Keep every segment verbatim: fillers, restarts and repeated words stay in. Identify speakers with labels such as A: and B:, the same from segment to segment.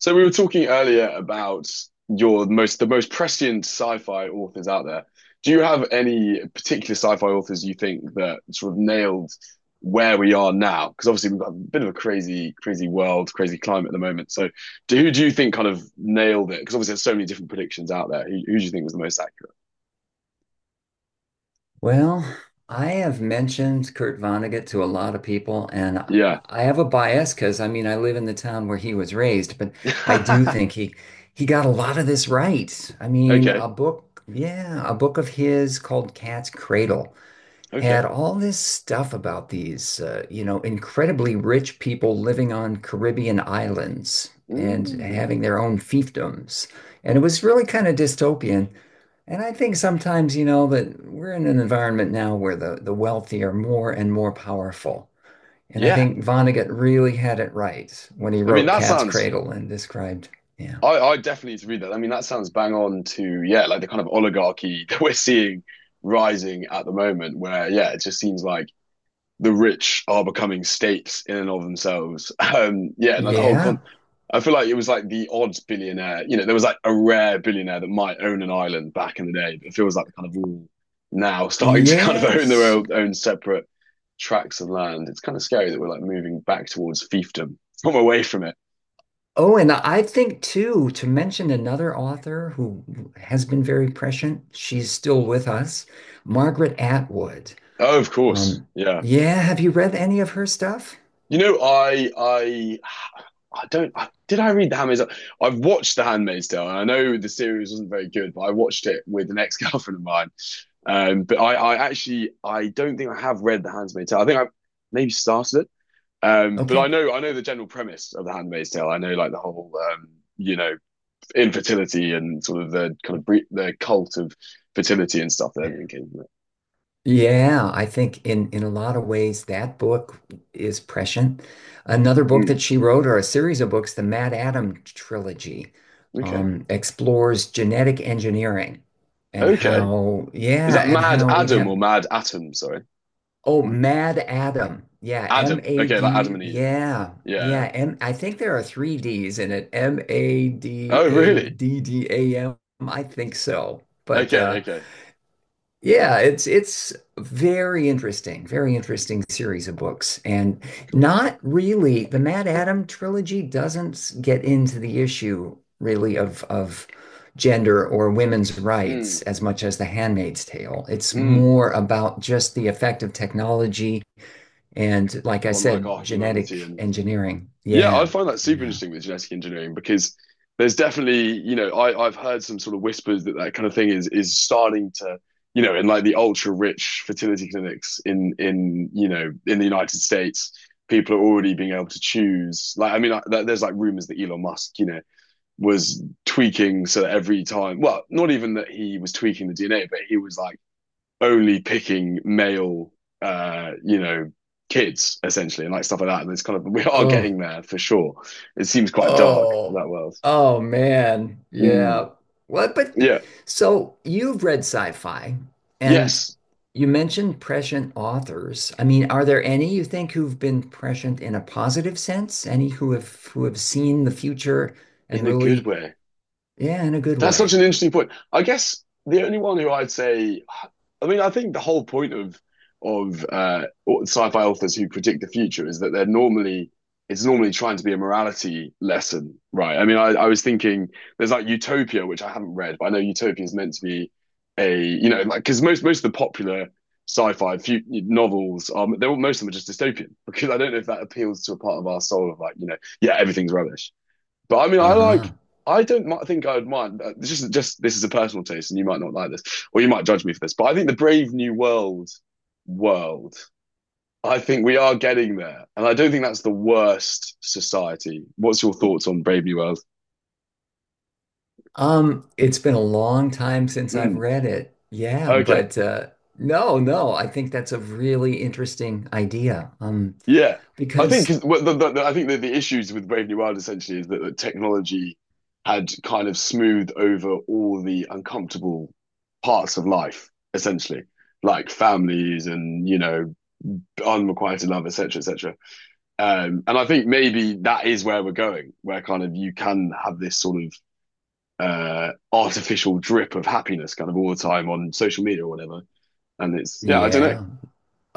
A: So we were talking earlier about your most the most prescient sci-fi authors out there. Do you have any particular sci-fi authors you think that sort of nailed where we are now? Because obviously we've got a bit of a crazy, crazy world, crazy climate at the moment. So do, who do you think kind of nailed it? Because obviously there's so many different predictions out there. Who, who do you think was the most
B: Well, I have mentioned Kurt Vonnegut to a lot of people, and I
A: accurate?
B: I have a bias because I mean I live in the town where he was raised, but I do
A: Yeah.
B: think he he got a lot of this right. I mean,
A: Okay.
B: a book, yeah, a book of his called Cat's Cradle had
A: Okay.
B: all this stuff about these, uh, you know, incredibly rich people living on Caribbean islands and having
A: Mm.
B: their own fiefdoms, and it was really kind of dystopian. And I think sometimes, you know, that we're in an environment now where the, the wealthy are more and more powerful. And I
A: Yeah.
B: think Vonnegut really had it right when he
A: I mean,
B: wrote
A: that
B: Cat's
A: sounds
B: Cradle and described, yeah,
A: I, I definitely need to read that. I mean, that sounds bang on to, yeah, like the kind of oligarchy that we're seeing rising at the moment, where, yeah, it just seems like the rich are becoming states in and of themselves. Um, yeah, like the whole con,
B: yeah,
A: I feel like it was like the odd billionaire, you know, there was like a rare billionaire that might own an island back in the day, but it feels like the kind of all now starting to kind of own their
B: yes.
A: own, own separate tracts of land. It's kind of scary that we're like moving back towards fiefdom from away from it.
B: Oh, and I think too, to mention another author who has been very prescient, she's still with us, Margaret Atwood.
A: Oh, of course.
B: Um,
A: Yeah.
B: yeah, have you read any of her stuff?
A: You know, I I I don't I, did I read The Handmaid's Tale? I've watched The Handmaid's Tale, and I know the series wasn't very good, but I watched it with an ex-girlfriend of mine. Um, but I, I actually I don't think I have read The Handmaid's Tale. I think I maybe started it. Um, but I
B: Okay.
A: know I know the general premise of The Handmaid's Tale. I know like the whole um, you know infertility and sort of the kind of bre- the cult of fertility and stuff that everything came from. it.
B: Yeah, I think in in a lot of ways that book is prescient. Another book
A: Mm,
B: that she wrote, or a series of books, the Mad Adam trilogy,
A: okay,
B: um, explores genetic engineering and
A: okay.
B: how,
A: Is
B: yeah,
A: that
B: and
A: Mad
B: how we'd
A: Adam or
B: have,
A: Mad Atom? Sorry.
B: oh, Mad Adam. Yeah,
A: Adam. Okay, like Adam
B: M A D.
A: and Eve.
B: Yeah.
A: Yeah. yeah.
B: Yeah, M I think there are three D's in it.
A: Oh, really?
B: M A D A D D A M. I think so. But
A: Okay,
B: uh
A: okay.
B: yeah, it's it's very interesting, very interesting series of books, and
A: Cool.
B: not really the Mad Adam trilogy doesn't get into the issue really of of gender or women's rights
A: Mm,
B: as much as The Handmaid's Tale. It's
A: mm.
B: more about just the effect of technology and, like I
A: On like
B: said,
A: our humanity
B: genetic
A: and
B: engineering.
A: yeah, I
B: Yeah,
A: find that super
B: yeah.
A: interesting with genetic engineering because there's definitely, you know, I, I've heard some sort of whispers that that kind of thing is is starting to, you know, in like the ultra rich fertility clinics in in you know in the United States, people are already being able to choose. Like, I mean, I, there's like rumors that Elon Musk, you know, was tweaking so that every time, well, not even that he was tweaking the D N A, but he was like only picking male, uh, you know, kids essentially and like stuff like that. And it's kind of, we are
B: Oh.
A: getting there for sure. It seems quite dark,
B: Oh,
A: that world.
B: oh man.
A: Mm,
B: Yeah. What, but
A: yeah.
B: so you've read sci-fi and
A: Yes.
B: you mentioned prescient authors. I mean, are there any you think who've been prescient in a positive sense? Any who have who have seen the future
A: In
B: and
A: a good
B: really,
A: way.
B: yeah, in a good
A: That's such
B: way.
A: an interesting point. I guess the only one who I'd say, I mean, I think the whole point of of uh, sci-fi authors who predict the future is that they're normally it's normally trying to be a morality lesson, right? I mean, I, I was thinking there's like Utopia, which I haven't read, but I know Utopia is meant to be a you know like because most most of the popular sci-fi few novels are they're most of them are just dystopian because I don't know if that appeals to a part of our soul of like you know yeah, everything's rubbish but I mean, I like.
B: Uh-huh.
A: I don't think I would mind. uh, This is just this is a personal taste, and you might not like this, or you might judge me for this. But I think the Brave New World world. I think we are getting there, and I don't think that's the worst society. What's your thoughts on Brave New World?
B: Um, it's been a long time since I've
A: Mm,
B: read it. Yeah,
A: okay,
B: but uh no, no, I think that's a really interesting idea. Um,
A: yeah, I think,
B: because
A: what the, the, the- I think that the issues with Brave New World essentially is that the technology had kind of smoothed over all the uncomfortable parts of life, essentially, like families and you know Unrequited am required to love, et cetera, et cetera. Um, and I think maybe that is where we're going, where kind of you can have this sort of uh, artificial drip of happiness kind of all the time on social media or whatever. And it's yeah, I don't know.
B: yeah.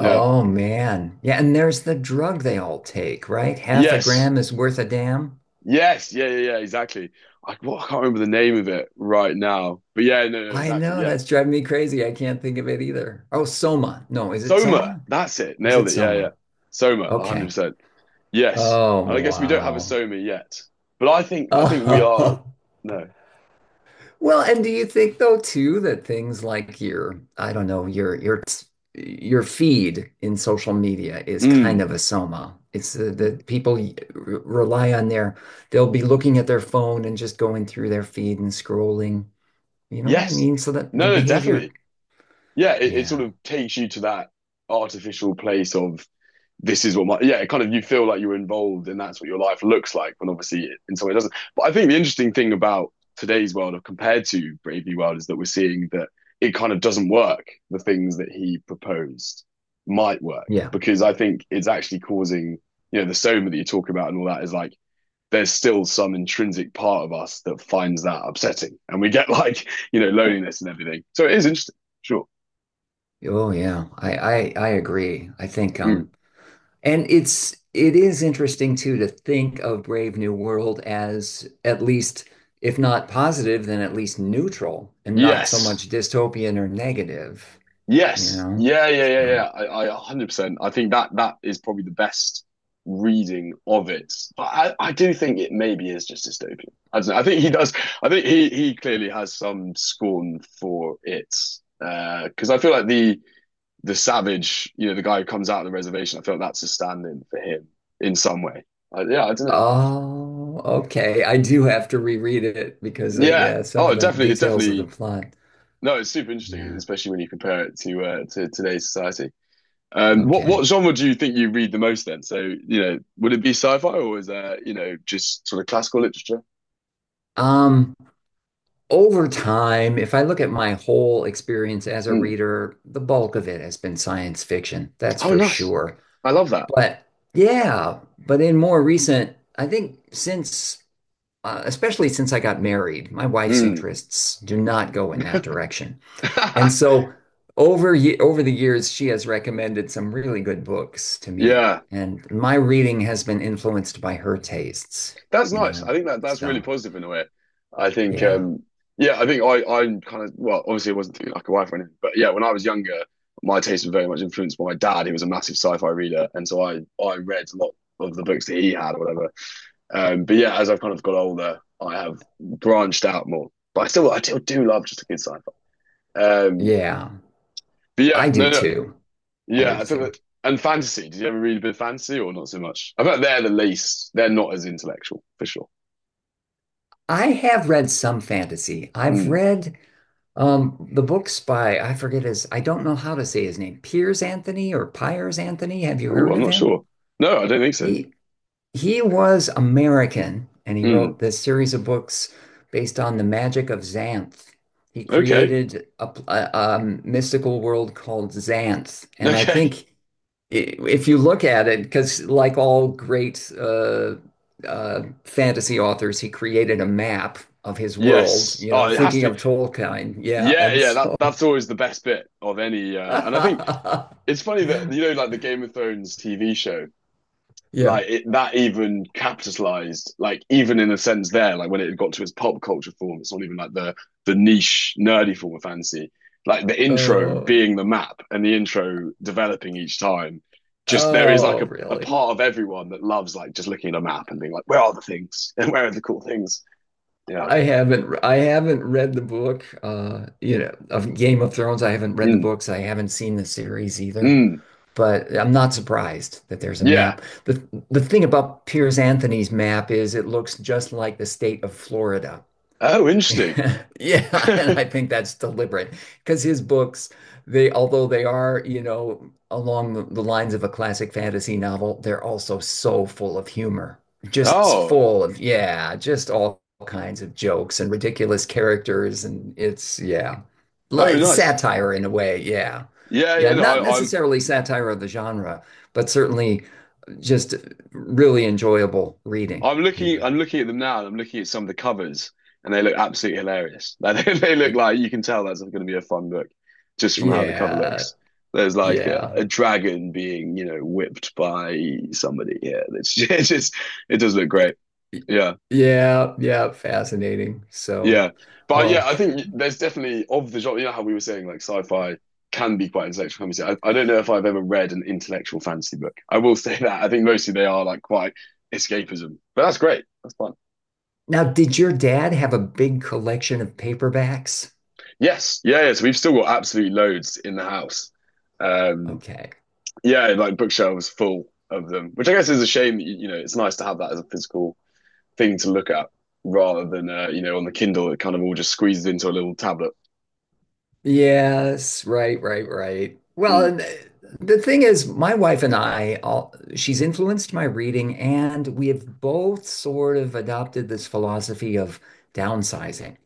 A: Yeah.
B: man. Yeah, and there's the drug they all take, right? Half a
A: Yes.
B: gram is worth a damn.
A: Yes. Yeah. Yeah. Yeah. Exactly. I, well, I can't remember the name of it right now, but yeah, no, no,
B: I
A: exactly.
B: know
A: Yeah.
B: that's driving me crazy. I can't think of it either. Oh, Soma. No, is it
A: Soma.
B: Soma?
A: That's it.
B: Is
A: Nailed
B: it
A: it. Yeah. Yeah.
B: Soma?
A: Soma. one hundred
B: Okay.
A: percent. Yes.
B: Oh,
A: And I guess we don't have a Soma yet, but I think I think we are.
B: wow.
A: No.
B: Well, and do you think though too that things like your, I don't know, your your your feed in social media is kind
A: Mm.
B: of a soma. It's the, the people y- re- rely on their, they'll be looking at their phone and just going through their feed and scrolling. You know what I
A: Yes.
B: mean? So that the
A: No, no,
B: behavior,
A: definitely. Yeah, it, it sort
B: yeah,
A: of takes you to that artificial place of this is what my yeah, it kind of you feel like you're involved and that's what your life looks like, when obviously it, in some way it doesn't. But I think the interesting thing about today's world or compared to Brave New World is that we're seeing that it kind of doesn't work. The things that he proposed might work
B: yeah,
A: because I think it's actually causing, you know, the soma that you talk about and all that is like there's still some intrinsic part of us that finds that upsetting and we get like you know loneliness and everything so it is interesting sure.
B: oh yeah, I I, I agree. I think
A: Mm.
B: um. And it's it is interesting too to think of Brave New World as at least, if not positive, then at least neutral and not so
A: Yes,
B: much dystopian or negative, you
A: yes,
B: know?
A: yeah, yeah, yeah, yeah.
B: So,
A: I, I one hundred percent I think that that is probably the best reading of it but i, I do think it maybe is just dystopian. I don't know. I think he does. I think he he clearly has some scorn for it because uh, I feel like the the savage, you know, the guy who comes out of the reservation, I felt that's a stand in for him in some way. I, yeah, I don't know.
B: oh, okay. I do have to reread it because uh,
A: Yeah.
B: yeah, some
A: Oh,
B: of the
A: definitely. It's
B: details of the
A: definitely,
B: plot.
A: no, it's super interesting,
B: Yeah.
A: especially when you compare it to uh, to today's society. Um, what what
B: Okay.
A: genre do you think you read the most then? So, you know, would it be sci-fi or is there, you know, just sort of classical literature?
B: Um, Over time, if I look at my whole experience as a
A: Mm.
B: reader, the bulk of it has been science fiction. That's
A: Oh,
B: for
A: nice.
B: sure.
A: I love that.
B: But yeah, but in more recent, I think since, uh, especially since I got married, my wife's
A: Mm.
B: interests do not go in that direction. And so over ye- over the years, she has recommended some really good books to me,
A: Yeah.
B: and my reading has been influenced by her tastes,
A: That's
B: you
A: nice. I
B: know.
A: think that that's really
B: So
A: positive in a way. I think,
B: yeah,
A: um, yeah, I think I I kind of well, obviously, it wasn't through like a wife or anything, but yeah, when I was younger, my taste was very much influenced by my dad, He was a massive sci-fi reader, and so I I read a lot of the books that he had or whatever. Um, but yeah, as I've kind of got older, I have branched out more, but I still I still do love just a good sci-fi. Um,
B: yeah,
A: but yeah,
B: I
A: no,
B: do
A: no,
B: too. I
A: yeah,
B: do
A: I think
B: too.
A: that. And fantasy, did you ever read a bit of fantasy or not so much? I bet they're the least, they're not as intellectual for sure.
B: I have read some fantasy. I've
A: Mm.
B: read Um, the book's by, I forget his, I don't know how to say his name, Piers Anthony or Piers Anthony. Have you
A: Oh,
B: heard
A: I'm
B: of
A: not
B: him?
A: sure. No, I don't think so.
B: He he was American and he
A: Mm.
B: wrote this series of books based on the magic of Xanth. He
A: Okay.
B: created a, pl- a, um, mystical world called Xanth. And I think
A: Okay.
B: i- if you look at it, because like all great uh, uh, fantasy authors, he created a map of his world,
A: Yes.
B: you know,
A: Oh, it has
B: thinking
A: to be.
B: of Tolkien. Yeah.
A: Yeah,
B: And
A: yeah. That
B: so
A: that's always the best bit of any. Uh, and I think it's funny that you know, like the Game of Thrones T V show.
B: yeah.
A: Like it, that even capitalized, like even in a sense there, like when it got to its pop culture form, it's not even like the the niche nerdy form of fantasy, like the intro
B: Oh,
A: being the map and the intro developing each time, just there is like
B: oh,
A: a, a
B: really?
A: part of everyone that loves like just looking at a map and being like where are the things and where are the cool things. Yeah.
B: I haven't I haven't read the book, uh, you know, of Game of Thrones. I haven't read the
A: Mm,
B: books. I haven't seen the series either.
A: mm.
B: But I'm not surprised that there's a
A: Yeah.
B: map. The the thing about Piers Anthony's map is it looks just like the state of Florida.
A: Oh, interesting.
B: Yeah, and I think that's deliberate because his books, they although they are, you know, along the, the lines of a classic fantasy novel, they're also so full of humor. Just
A: Oh.
B: full of, yeah, just all kinds of jokes and ridiculous characters and it's yeah.
A: Oh,
B: Like
A: nice.
B: satire in a way, yeah.
A: Yeah, yeah.
B: Yeah,
A: No,
B: not
A: I, i'm
B: necessarily satire of the genre, but certainly just really enjoyable reading,
A: I'm
B: you know.
A: looking I'm looking at them now and I'm looking at some of the covers and they look absolutely hilarious. Like they, they look
B: Y-
A: like you can tell that's going to be a fun book just from how the cover
B: Yeah,
A: looks. There's like a,
B: yeah.
A: a dragon being, you know, whipped by somebody here. It's just, it's just it does look great.
B: Y-
A: Yeah.
B: Yeah, yeah, fascinating. So,
A: Yeah. But yeah,
B: oh,
A: I think there's definitely of the genre, you know how we were saying like sci-fi can be quite intellectual fantasy. I, I don't know if I've ever read an intellectual fantasy book, I will say that. I think mostly they are like quite escapism. But that's great. That's fun.
B: now did your dad have a big collection of paperbacks?
A: Yes, yeah, yeah. So we've still got absolute loads in the house. Um,
B: Okay.
A: yeah, like bookshelves full of them, which I guess is a shame. You, you know, it's nice to have that as a physical thing to look at rather than uh, you know on the Kindle. It kind of all just squeezes into a little tablet.
B: Yes, right, right, right. Well,
A: Mm.
B: and eh, the thing is, my wife and I, all, she's influenced my reading, and we have both sort of adopted this philosophy of downsizing.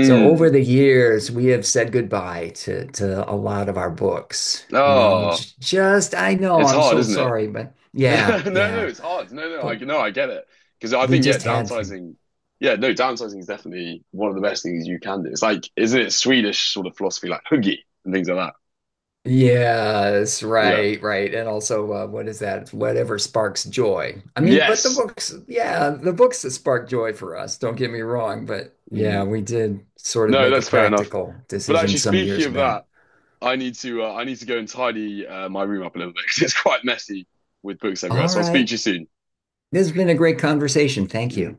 B: So over the years, we have said goodbye to to a lot of our books. You know,
A: Oh,
B: j- just I know
A: it's
B: I'm
A: hard,
B: so
A: isn't it?
B: sorry, but yeah,
A: No, no,
B: yeah,
A: it's hard. No, no, I
B: but
A: no, I get it because I
B: we
A: think yeah,
B: just had to.
A: downsizing. Yeah, no, downsizing is definitely one of the best things you can do. It's like, isn't it Swedish sort of philosophy, like huggy and things like that?
B: Yes,
A: Yeah.
B: right, right. And also, uh, what is that? Whatever sparks joy. I mean, but the
A: Yes.
B: books, yeah, the books that spark joy for us, don't get me wrong, but yeah,
A: Mm.
B: we did sort of
A: No,
B: make a
A: that's fair enough.
B: practical
A: But
B: decision
A: actually,
B: some
A: speaking
B: years
A: of
B: back.
A: that, I need to uh, I need to go and tidy uh, my room up a little bit because it's quite messy with books everywhere.
B: All
A: So I'll speak to
B: right.
A: you soon.
B: This has been a great conversation. Thank you.
A: Mm.